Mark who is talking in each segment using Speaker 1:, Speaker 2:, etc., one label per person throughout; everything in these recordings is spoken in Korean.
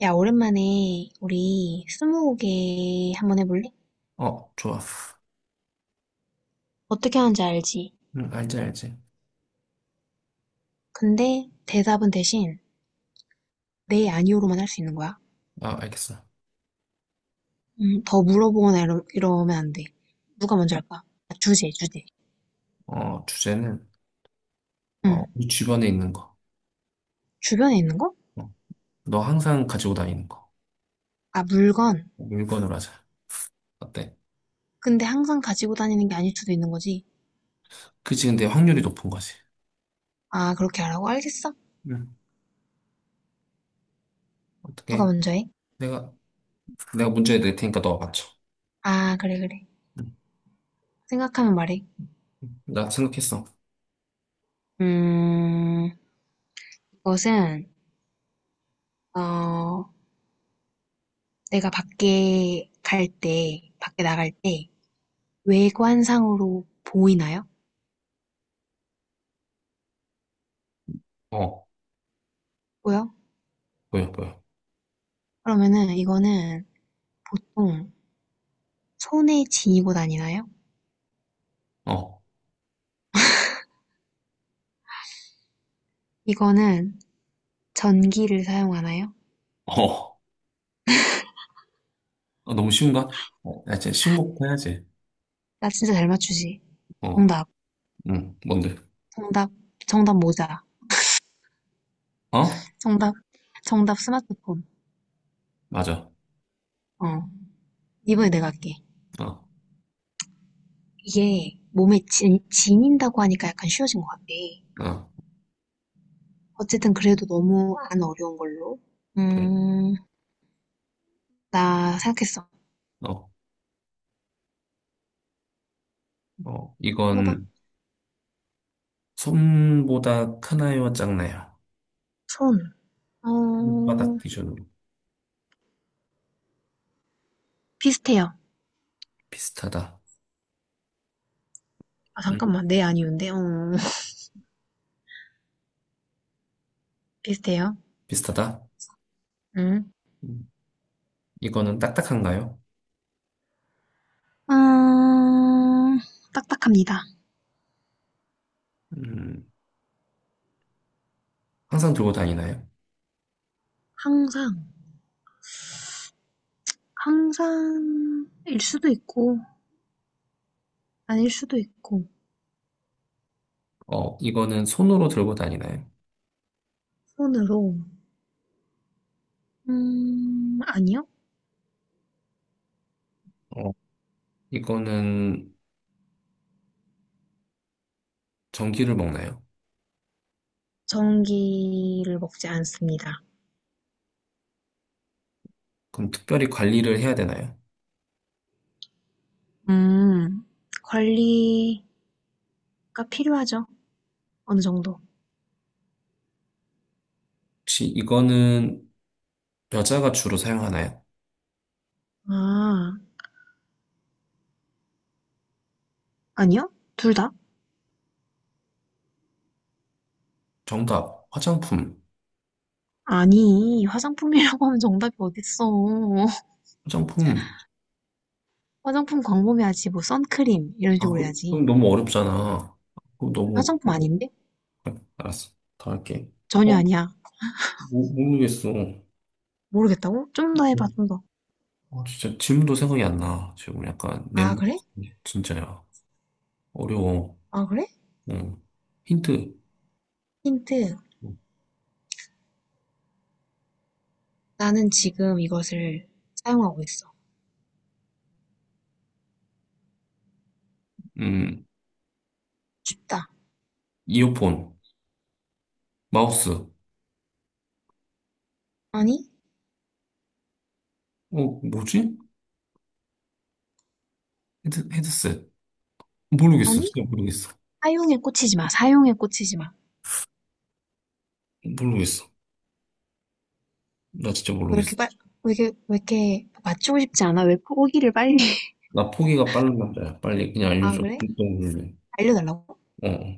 Speaker 1: 야, 오랜만에 우리 스무고개 한번 해볼래?
Speaker 2: 어, 좋아.
Speaker 1: 어떻게 하는지 알지?
Speaker 2: 응, 알지, 알지.
Speaker 1: 근데 대답은 대신 네, 아니오로만 할 수 있는 거야.
Speaker 2: 아, 알겠어.
Speaker 1: 더 물어보거나 이러면 안 돼. 누가 먼저 할까? 아, 주제, 주제.
Speaker 2: 어, 주제는, 어,
Speaker 1: 응.
Speaker 2: 우리 주변에 있는 거.
Speaker 1: 주변에 있는 거?
Speaker 2: 어, 너 항상 가지고 다니는 거.
Speaker 1: 아, 물건.
Speaker 2: 어, 물건으로 하자. 어때?
Speaker 1: 근데 항상 가지고 다니는 게 아닐 수도 있는 거지.
Speaker 2: 그치, 근데 확률이 높은 거지.
Speaker 1: 아, 그렇게 하라고? 알겠어.
Speaker 2: 응.
Speaker 1: 누가
Speaker 2: 어떻게?
Speaker 1: 먼저 해?
Speaker 2: 내가, 내가 문제 낼 테니까 너가 맞춰.
Speaker 1: 아, 그래, 그래.
Speaker 2: 응.
Speaker 1: 생각하면 말해.
Speaker 2: 나 생각했어.
Speaker 1: 음, 이것은, 어, 내가 밖에 나갈 때, 외관상으로 보이나요?
Speaker 2: 어,
Speaker 1: 보여?
Speaker 2: 보여, 보여.
Speaker 1: 그러면은 이거는 보통 손에 지니고 다니나요?
Speaker 2: 어,
Speaker 1: 이거는 전기를 사용하나요?
Speaker 2: 어. 어, 너무 쉬운가? 어, 야, 진짜 쉬운 거부터 해야지.
Speaker 1: 나 진짜 잘 맞추지.
Speaker 2: 어,
Speaker 1: 정답.
Speaker 2: 응, 뭔데?
Speaker 1: 정답. 정답 모자.
Speaker 2: 어?
Speaker 1: 정답. 정답 스마트폰.
Speaker 2: 맞아.
Speaker 1: 어. 이번에 내가 할게.
Speaker 2: 어,
Speaker 1: 이게 몸에 지닌다고 하니까 약간 쉬워진 것 같아.
Speaker 2: 어,
Speaker 1: 어쨌든 그래도 너무 안 어려운 걸로.
Speaker 2: 그래.
Speaker 1: 음, 나 생각했어.
Speaker 2: 어, 어,
Speaker 1: 물어봐.
Speaker 2: 이건, 손보다 크나요, 작나요?
Speaker 1: 손.
Speaker 2: 손 바닥
Speaker 1: 어,
Speaker 2: 기준으로
Speaker 1: 비슷해요.
Speaker 2: 비슷하다.
Speaker 1: 아,
Speaker 2: 음.
Speaker 1: 잠깐만. 네, 아니운데. 어, 비슷해요.
Speaker 2: 비슷하다.
Speaker 1: 음.
Speaker 2: 음. 이거는 딱딱한가요?
Speaker 1: 어, 딱딱합니다.
Speaker 2: 음, 항상 들고 다니나요?
Speaker 1: 항상, 항상 일 수도 있고 아닐 수도 있고,
Speaker 2: 어, 이거는 손으로 들고 다니나요?
Speaker 1: 손으로, 아니요.
Speaker 2: 어, 이거는 전기를 먹나요?
Speaker 1: 전기를 먹지 않습니다.
Speaker 2: 그럼 특별히 관리를 해야 되나요?
Speaker 1: 음, 관리가 필요하죠. 어느 정도.
Speaker 2: 혹시 이거는 여자가 주로 사용하나요?
Speaker 1: 아, 아니요? 둘 다?
Speaker 2: 정답, 화장품.
Speaker 1: 아니, 화장품이라고 하면 정답이 어딨어.
Speaker 2: 화장품.
Speaker 1: 화장품 광범위하지, 뭐, 선크림, 이런
Speaker 2: 아,
Speaker 1: 식으로
Speaker 2: 그럼
Speaker 1: 해야지.
Speaker 2: 너무 어렵잖아. 그럼 너무,
Speaker 1: 화장품
Speaker 2: 너무-
Speaker 1: 아닌데?
Speaker 2: 알았어. 더 할게.
Speaker 1: 전혀 아니야.
Speaker 2: 모르겠어.
Speaker 1: 모르겠다고? 좀 더 해봐, 좀 더.
Speaker 2: 어, 진짜 지금도 생각이 안 나. 지금 약간
Speaker 1: 아,
Speaker 2: 멘붕
Speaker 1: 그래?
Speaker 2: 진짜야. 어려워.
Speaker 1: 아, 그래?
Speaker 2: 응. 힌트.
Speaker 1: 힌트. 나는 지금 이것을 사용하고 있어.
Speaker 2: 음,
Speaker 1: 춥다.
Speaker 2: 이어폰, 마우스. 어,
Speaker 1: 아니?
Speaker 2: 뭐지? 헤드셋. 모르겠어.
Speaker 1: 아니?
Speaker 2: 진짜 모르겠어.
Speaker 1: 사용에 꽂히지 마. 사용에 꽂히지 마.
Speaker 2: 모르겠어. 나 진짜
Speaker 1: 왜 이렇게
Speaker 2: 모르겠어.
Speaker 1: 빨, 왜 이렇게 맞추고 싶지 않아? 왜 포기를 빨리.
Speaker 2: 나 포기가 빠른 남자야. 빨리 그냥
Speaker 1: 아,
Speaker 2: 알려줘.
Speaker 1: 그래?
Speaker 2: 진짜 모르네.
Speaker 1: 알려달라고?
Speaker 2: 어,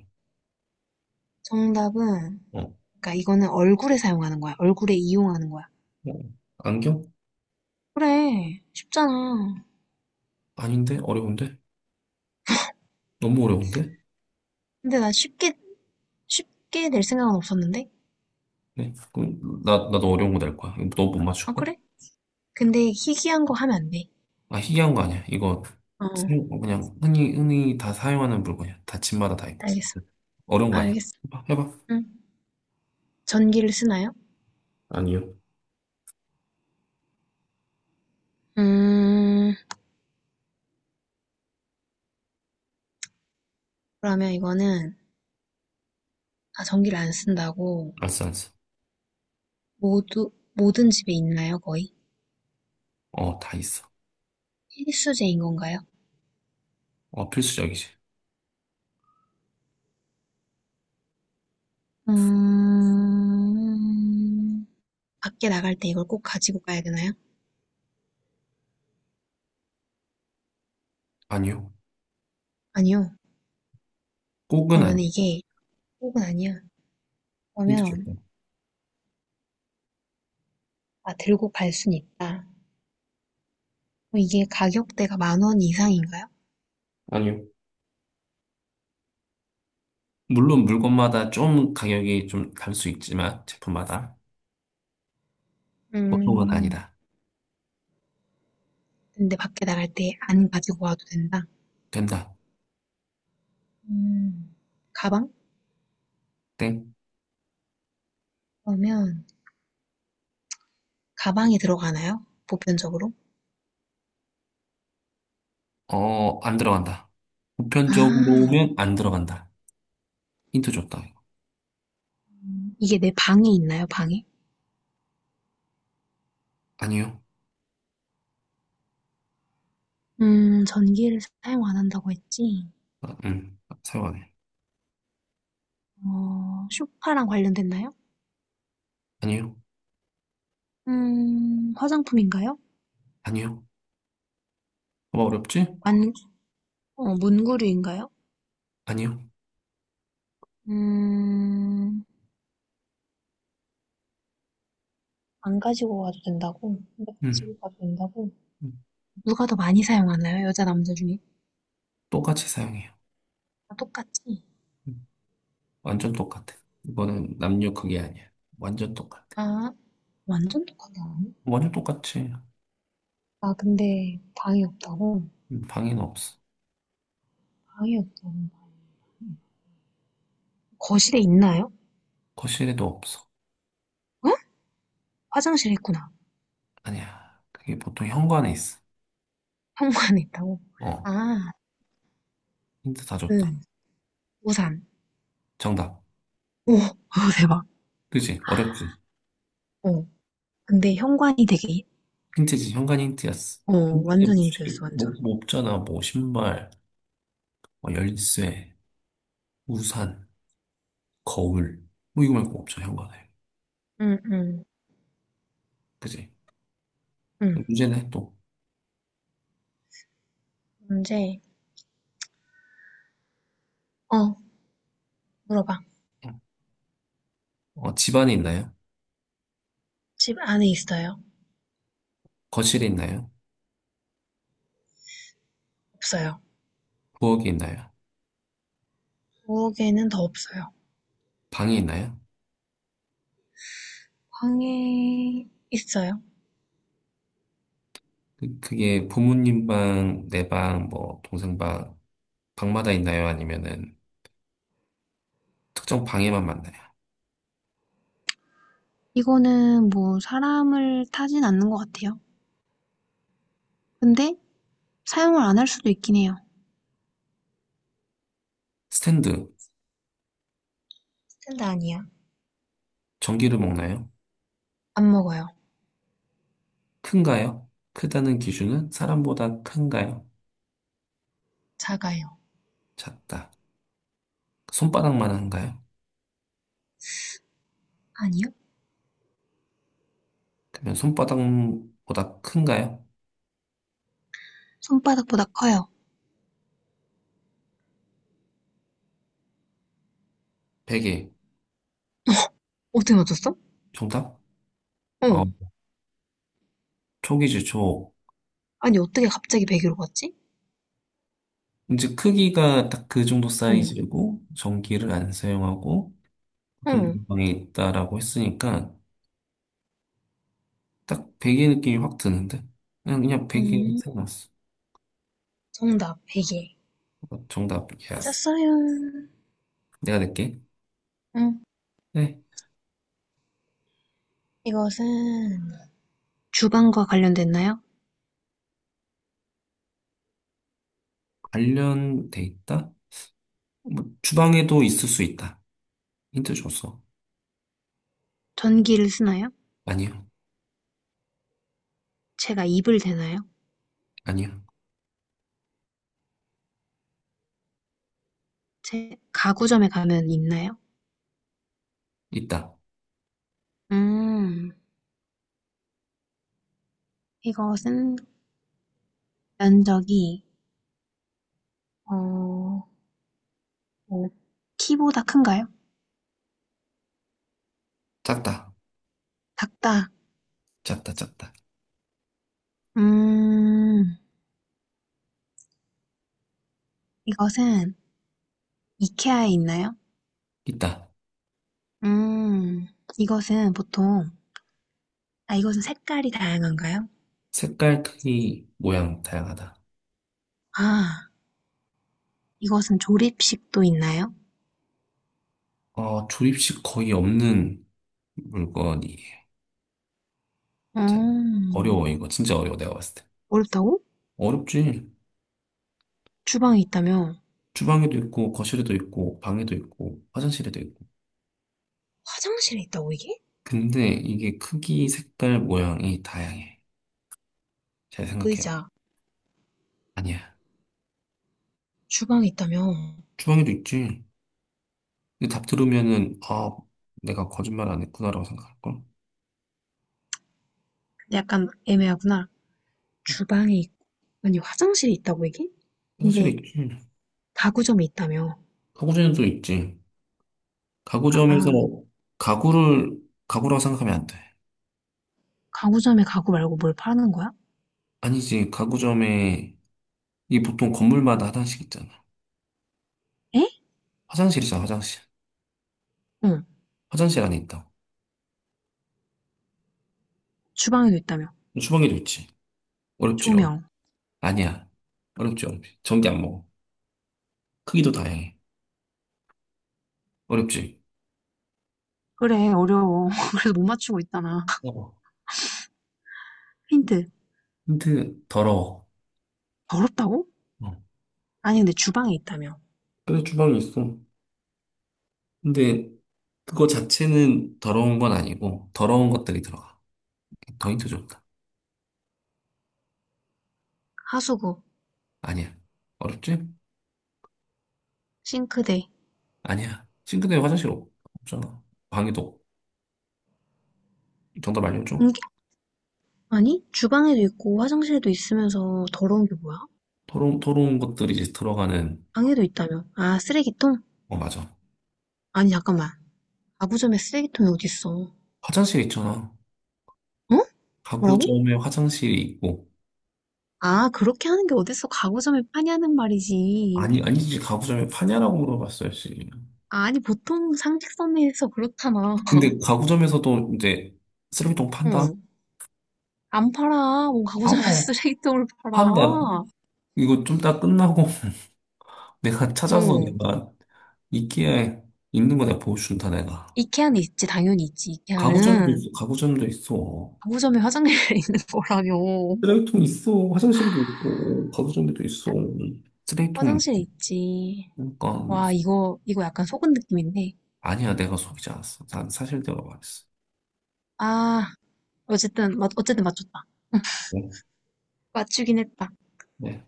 Speaker 1: 정답은,
Speaker 2: 어,
Speaker 1: 그러니까 이거는 얼굴에 사용하는 거야. 얼굴에 이용하는 거야.
Speaker 2: 어. 안경?
Speaker 1: 그래. 쉽잖아.
Speaker 2: 아닌데? 어려운데? 너무 어려운데?
Speaker 1: 근데 나 쉽게 쉽게 낼 생각은 없었는데?
Speaker 2: 네. 그럼 나도 어려운 거 낼 거야. 너 못 맞출
Speaker 1: 아,
Speaker 2: 거야?
Speaker 1: 그래? 근데 희귀한 거 하면 안 돼.
Speaker 2: 아, 희귀한 거 아니야. 이거
Speaker 1: 어,
Speaker 2: 사용- 그냥 흔히 흔히 다 사용하는 물건이야. 다 집마다 다 있고.
Speaker 1: 알겠어.
Speaker 2: 어려운 거 아니야.
Speaker 1: 알겠어.
Speaker 2: 해봐, 해봐.
Speaker 1: 응. 전기를 쓰나요?
Speaker 2: 아니요.
Speaker 1: 음, 그러면 이거는, 아, 전기를 안 쓴다고,
Speaker 2: 알았어, 알았어.
Speaker 1: 모든 집에 있나요, 거의?
Speaker 2: 어, 다 있어.
Speaker 1: 필수제인 건가요?
Speaker 2: 어, 필수적이지.
Speaker 1: 음, 밖에 나갈 때 이걸 꼭 가지고 가야 되나요?
Speaker 2: 아니요.
Speaker 1: 아니요.
Speaker 2: 꼭은
Speaker 1: 그러면
Speaker 2: 아니야.
Speaker 1: 이게 꼭은 아니야.
Speaker 2: 힌트
Speaker 1: 그러면,
Speaker 2: 줬고.
Speaker 1: 아, 들고 갈 순 있다. 그럼 이게 가격대가 10,000원 이상인가요?
Speaker 2: 아니요. 물론 물건마다 좀 가격이 좀 다를 수 있지만 제품마다 보통은
Speaker 1: 음,
Speaker 2: 아니다.
Speaker 1: 근데 밖에 나갈 때 안 가지고 와도 된다.
Speaker 2: 된다.
Speaker 1: 음, 가방?
Speaker 2: 땡.
Speaker 1: 그러면, 가방에 들어가나요? 보편적으로?
Speaker 2: 어, 안 들어간다.
Speaker 1: 아,
Speaker 2: 보편적으로면 안 들어간다. 힌트 줬다. 이거.
Speaker 1: 이게 내 방에 있나요, 방에?
Speaker 2: 아니요.
Speaker 1: 전기를 사용 안 한다고 했지.
Speaker 2: 아, 사용 안 해.
Speaker 1: 어, 쇼파랑 관련됐나요?
Speaker 2: 아니요.
Speaker 1: 화장품인가요?
Speaker 2: 아니요. 뭐 어렵지?
Speaker 1: 안, 어, 문구류인가요?
Speaker 2: 아니요.
Speaker 1: 음, 안 가지고 가도 된다고? 근데
Speaker 2: 음,
Speaker 1: 가지고 가도 된다고?
Speaker 2: 음.
Speaker 1: 누가 더 많이 사용하나요? 여자, 남자 중에?
Speaker 2: 똑같이 사용해요.
Speaker 1: 다 똑같지?
Speaker 2: 음, 완전 똑같아. 이거는 남녀 그게 아니야. 완전 똑같아.
Speaker 1: 아, 완전 똑같네.
Speaker 2: 완전 똑같지.
Speaker 1: 아, 근데 방이 없다고?
Speaker 2: 방에는 없어.
Speaker 1: 방이 없다고. 거실에 있나요?
Speaker 2: 거실에도 없어.
Speaker 1: 어? 화장실에 있구나.
Speaker 2: 아니야. 그게 보통 현관에 있어.
Speaker 1: 현관 에 있다고?
Speaker 2: 어,
Speaker 1: 아,
Speaker 2: 힌트 다 줬다.
Speaker 1: 그, 우산.
Speaker 2: 정답.
Speaker 1: 오, 오, 대박.
Speaker 2: 그지? 어렵지?
Speaker 1: 어, 근데 현관이 되게,
Speaker 2: 힌트지. 현관 힌트였어.
Speaker 1: 어,
Speaker 2: 현관에 뭐
Speaker 1: 완전
Speaker 2: 쉽게
Speaker 1: 힌트였어,
Speaker 2: 뭐,
Speaker 1: 완전.
Speaker 2: 뭐 없잖아. 뭐 신발, 뭐 열쇠, 우산, 거울. 뭐 이거 말고 없어. 현관에.
Speaker 1: 응, 응,
Speaker 2: 그지?
Speaker 1: 응.
Speaker 2: 문제는 또.
Speaker 1: 문제, 어, 물어봐.
Speaker 2: 어, 집안에 있나요?
Speaker 1: 집 안에 있어요?
Speaker 2: 거실에 있나요?
Speaker 1: 없어요.
Speaker 2: 부엌에 있나요?
Speaker 1: 부엌에는 더 없어요.
Speaker 2: 방이 있나요?
Speaker 1: 방에 있어요?
Speaker 2: 그게 부모님 방, 내 방, 뭐, 동생 방, 방마다 있나요? 아니면은 특정 방에만 만나요?
Speaker 1: 이거는 뭐, 사람을 타진 않는 것 같아요. 근데, 사용을 안 할 수도 있긴 해요.
Speaker 2: 스탠드,
Speaker 1: 스탠드 아니야.
Speaker 2: 전기를 먹나요?
Speaker 1: 안 먹어요.
Speaker 2: 큰가요? 크다는 기준은 사람보다 큰가요?
Speaker 1: 작아요.
Speaker 2: 작다. 손바닥만 한가요?
Speaker 1: 아니요?
Speaker 2: 그러면 손바닥보다 큰가요?
Speaker 1: 손바닥보다 커요.
Speaker 2: 베개.
Speaker 1: 어떻게 맞췄어?
Speaker 2: 정답? 어,
Speaker 1: 어.
Speaker 2: 촉이지, 촉.
Speaker 1: 아니, 어떻게 갑자기 1 0로 갔지?
Speaker 2: 이제 크기가 딱 그 정도
Speaker 1: 응,
Speaker 2: 사이즈고, 전기를 안 사용하고, 보통
Speaker 1: 응,
Speaker 2: 방에 있다라고 했으니까, 딱 베개 느낌이 확 드는데? 그냥 베개
Speaker 1: 음,
Speaker 2: 생각났어.
Speaker 1: 정답, 베개.
Speaker 2: 어, 정답, 예스.
Speaker 1: 맞았어요.
Speaker 2: 내가 낼게.
Speaker 1: 응,
Speaker 2: 네.
Speaker 1: 이것은 주방과 관련됐나요?
Speaker 2: 관련돼 있다? 뭐, 주방에도 있을 수 있다. 힌트 줬어.
Speaker 1: 전기를 쓰나요?
Speaker 2: 아니요,
Speaker 1: 제가 이불 되나요?
Speaker 2: 아니요.
Speaker 1: 제 가구점에 가면 있나요?
Speaker 2: 있다.
Speaker 1: 음, 이것은 면적이, 어, 뭐, 키보다 큰가요?
Speaker 2: 작다.
Speaker 1: 작다.
Speaker 2: 작다, 작다.
Speaker 1: 음, 이것은 이케아에 있나요?
Speaker 2: 있다.
Speaker 1: 음, 이것은 보통, 아, 이것은 색깔이 다양한가요?
Speaker 2: 색깔, 크기, 모양, 다양하다.
Speaker 1: 아, 이것은 조립식도 있나요?
Speaker 2: 어, 조립식 거의 없는 물건이에요. 참,
Speaker 1: 음,
Speaker 2: 어려워, 이거. 진짜 어려워, 내가 봤을 때.
Speaker 1: 어렵다고?
Speaker 2: 어렵지.
Speaker 1: 주방에 있다며?
Speaker 2: 주방에도 있고, 거실에도 있고, 방에도 있고, 화장실에도 있고.
Speaker 1: 화장실에 있다고, 이게?
Speaker 2: 근데 이게 크기, 색깔, 모양이 다양해. 잘 생각해요.
Speaker 1: 의자,
Speaker 2: 아니야.
Speaker 1: 주방에 있다며?
Speaker 2: 주방에도 있지. 근데 답 들으면은, 아, 내가 거짓말 안 했구나라고 생각할걸?
Speaker 1: 약간 애매하구나. 주방에 있 아니, 화장실에 있다고, 이게?
Speaker 2: 화장실에
Speaker 1: 근데,
Speaker 2: 있지.
Speaker 1: 가구점에 있다며?
Speaker 2: 가구점에도 있지. 가구점에서
Speaker 1: 아,
Speaker 2: 가구를 가구라고 생각하면 안 돼.
Speaker 1: 가구점에 가구 말고 뭘 파는 거야?
Speaker 2: 아니지. 가구점에 이게 보통 건물마다 화장실 있잖아.
Speaker 1: 에?
Speaker 2: 화장실이잖아, 화장실.
Speaker 1: 응,
Speaker 2: 화장실 안에 있다고.
Speaker 1: 주방에도 있다며.
Speaker 2: 주방에도 있지. 어렵지. 어,
Speaker 1: 조명.
Speaker 2: 아니야. 어렵지, 어렵지. 전기 안 먹어. 크기도 다양해. 어렵지.
Speaker 1: 그래, 어려워. 그래서 못 맞추고 있잖아.
Speaker 2: 어.
Speaker 1: 힌트.
Speaker 2: 근데 더러워.
Speaker 1: 어렵다고?
Speaker 2: 어,
Speaker 1: 아니, 근데 주방에 있다며.
Speaker 2: 그래, 주방이 있어. 근데 그거 자체는 더러운 건 아니고, 더러운 것들이 들어가. 더인트 좋다.
Speaker 1: 하수구,
Speaker 2: 아니야. 어렵지?
Speaker 1: 싱크대,
Speaker 2: 아니야. 싱크대 화장실 없- 없잖아. 방에도 없- 정답 알려줘.
Speaker 1: 변기, 아니, 주방에도 있고 화장실에도 있으면서 더러운 게 뭐야?
Speaker 2: 더러운, 더러운 것들이 이제 들어가는,
Speaker 1: 방에도 있다며. 아, 쓰레기통?
Speaker 2: 어, 맞아.
Speaker 1: 아니, 잠깐만. 가구점에 쓰레기통이 어딨어. 어?
Speaker 2: 화장실 있잖아.
Speaker 1: 뭐라고?
Speaker 2: 가구점에 화장실이 있고,
Speaker 1: 아, 그렇게 하는 게 어딨어. 가구점에 파냐는 말이지.
Speaker 2: 아니, 아니지. 가구점에 파냐라고 물어봤어야지.
Speaker 1: 아니, 보통 상식선에서 그렇잖아.
Speaker 2: 근데 가구점에서도 이제 쓰레기통 판다?
Speaker 1: 응. 안 팔아. 뭐, 가구점에
Speaker 2: 알아.
Speaker 1: 쓰레기통을
Speaker 2: 판다.
Speaker 1: 팔아.
Speaker 2: 이거 좀 다 끝나고 내가 찾아서
Speaker 1: 응.
Speaker 2: 내가 이끼에 있는 거 내가 보여준다, 내가.
Speaker 1: 이케아는 있지. 당연히 있지.
Speaker 2: 가구점도
Speaker 1: 이케아는.
Speaker 2: 있어, 가구점도 있어.
Speaker 1: 가구점에 화장실에 있는 거라며.
Speaker 2: 쓰레기통 있어, 화장실도 있고, 가구점도 있어. 쓰레기통,
Speaker 1: 화장실에 있지.
Speaker 2: 그러니까,
Speaker 1: 와, 이거 약간 속은 느낌인데.
Speaker 2: 아니야, 내가 속이지 않았어. 난 사실 내가 말했어.
Speaker 1: 아, 어쨌든 맞췄다.
Speaker 2: 어,
Speaker 1: 맞추긴 했다.
Speaker 2: 네,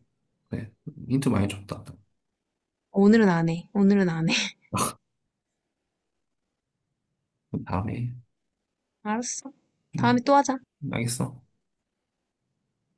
Speaker 2: 그래. 힌트 많이 줬다.
Speaker 1: 오늘은 안 해. 오늘은 안 해.
Speaker 2: 다음에,
Speaker 1: 알았어.
Speaker 2: 응,
Speaker 1: 다음에 또 하자.
Speaker 2: 알겠어.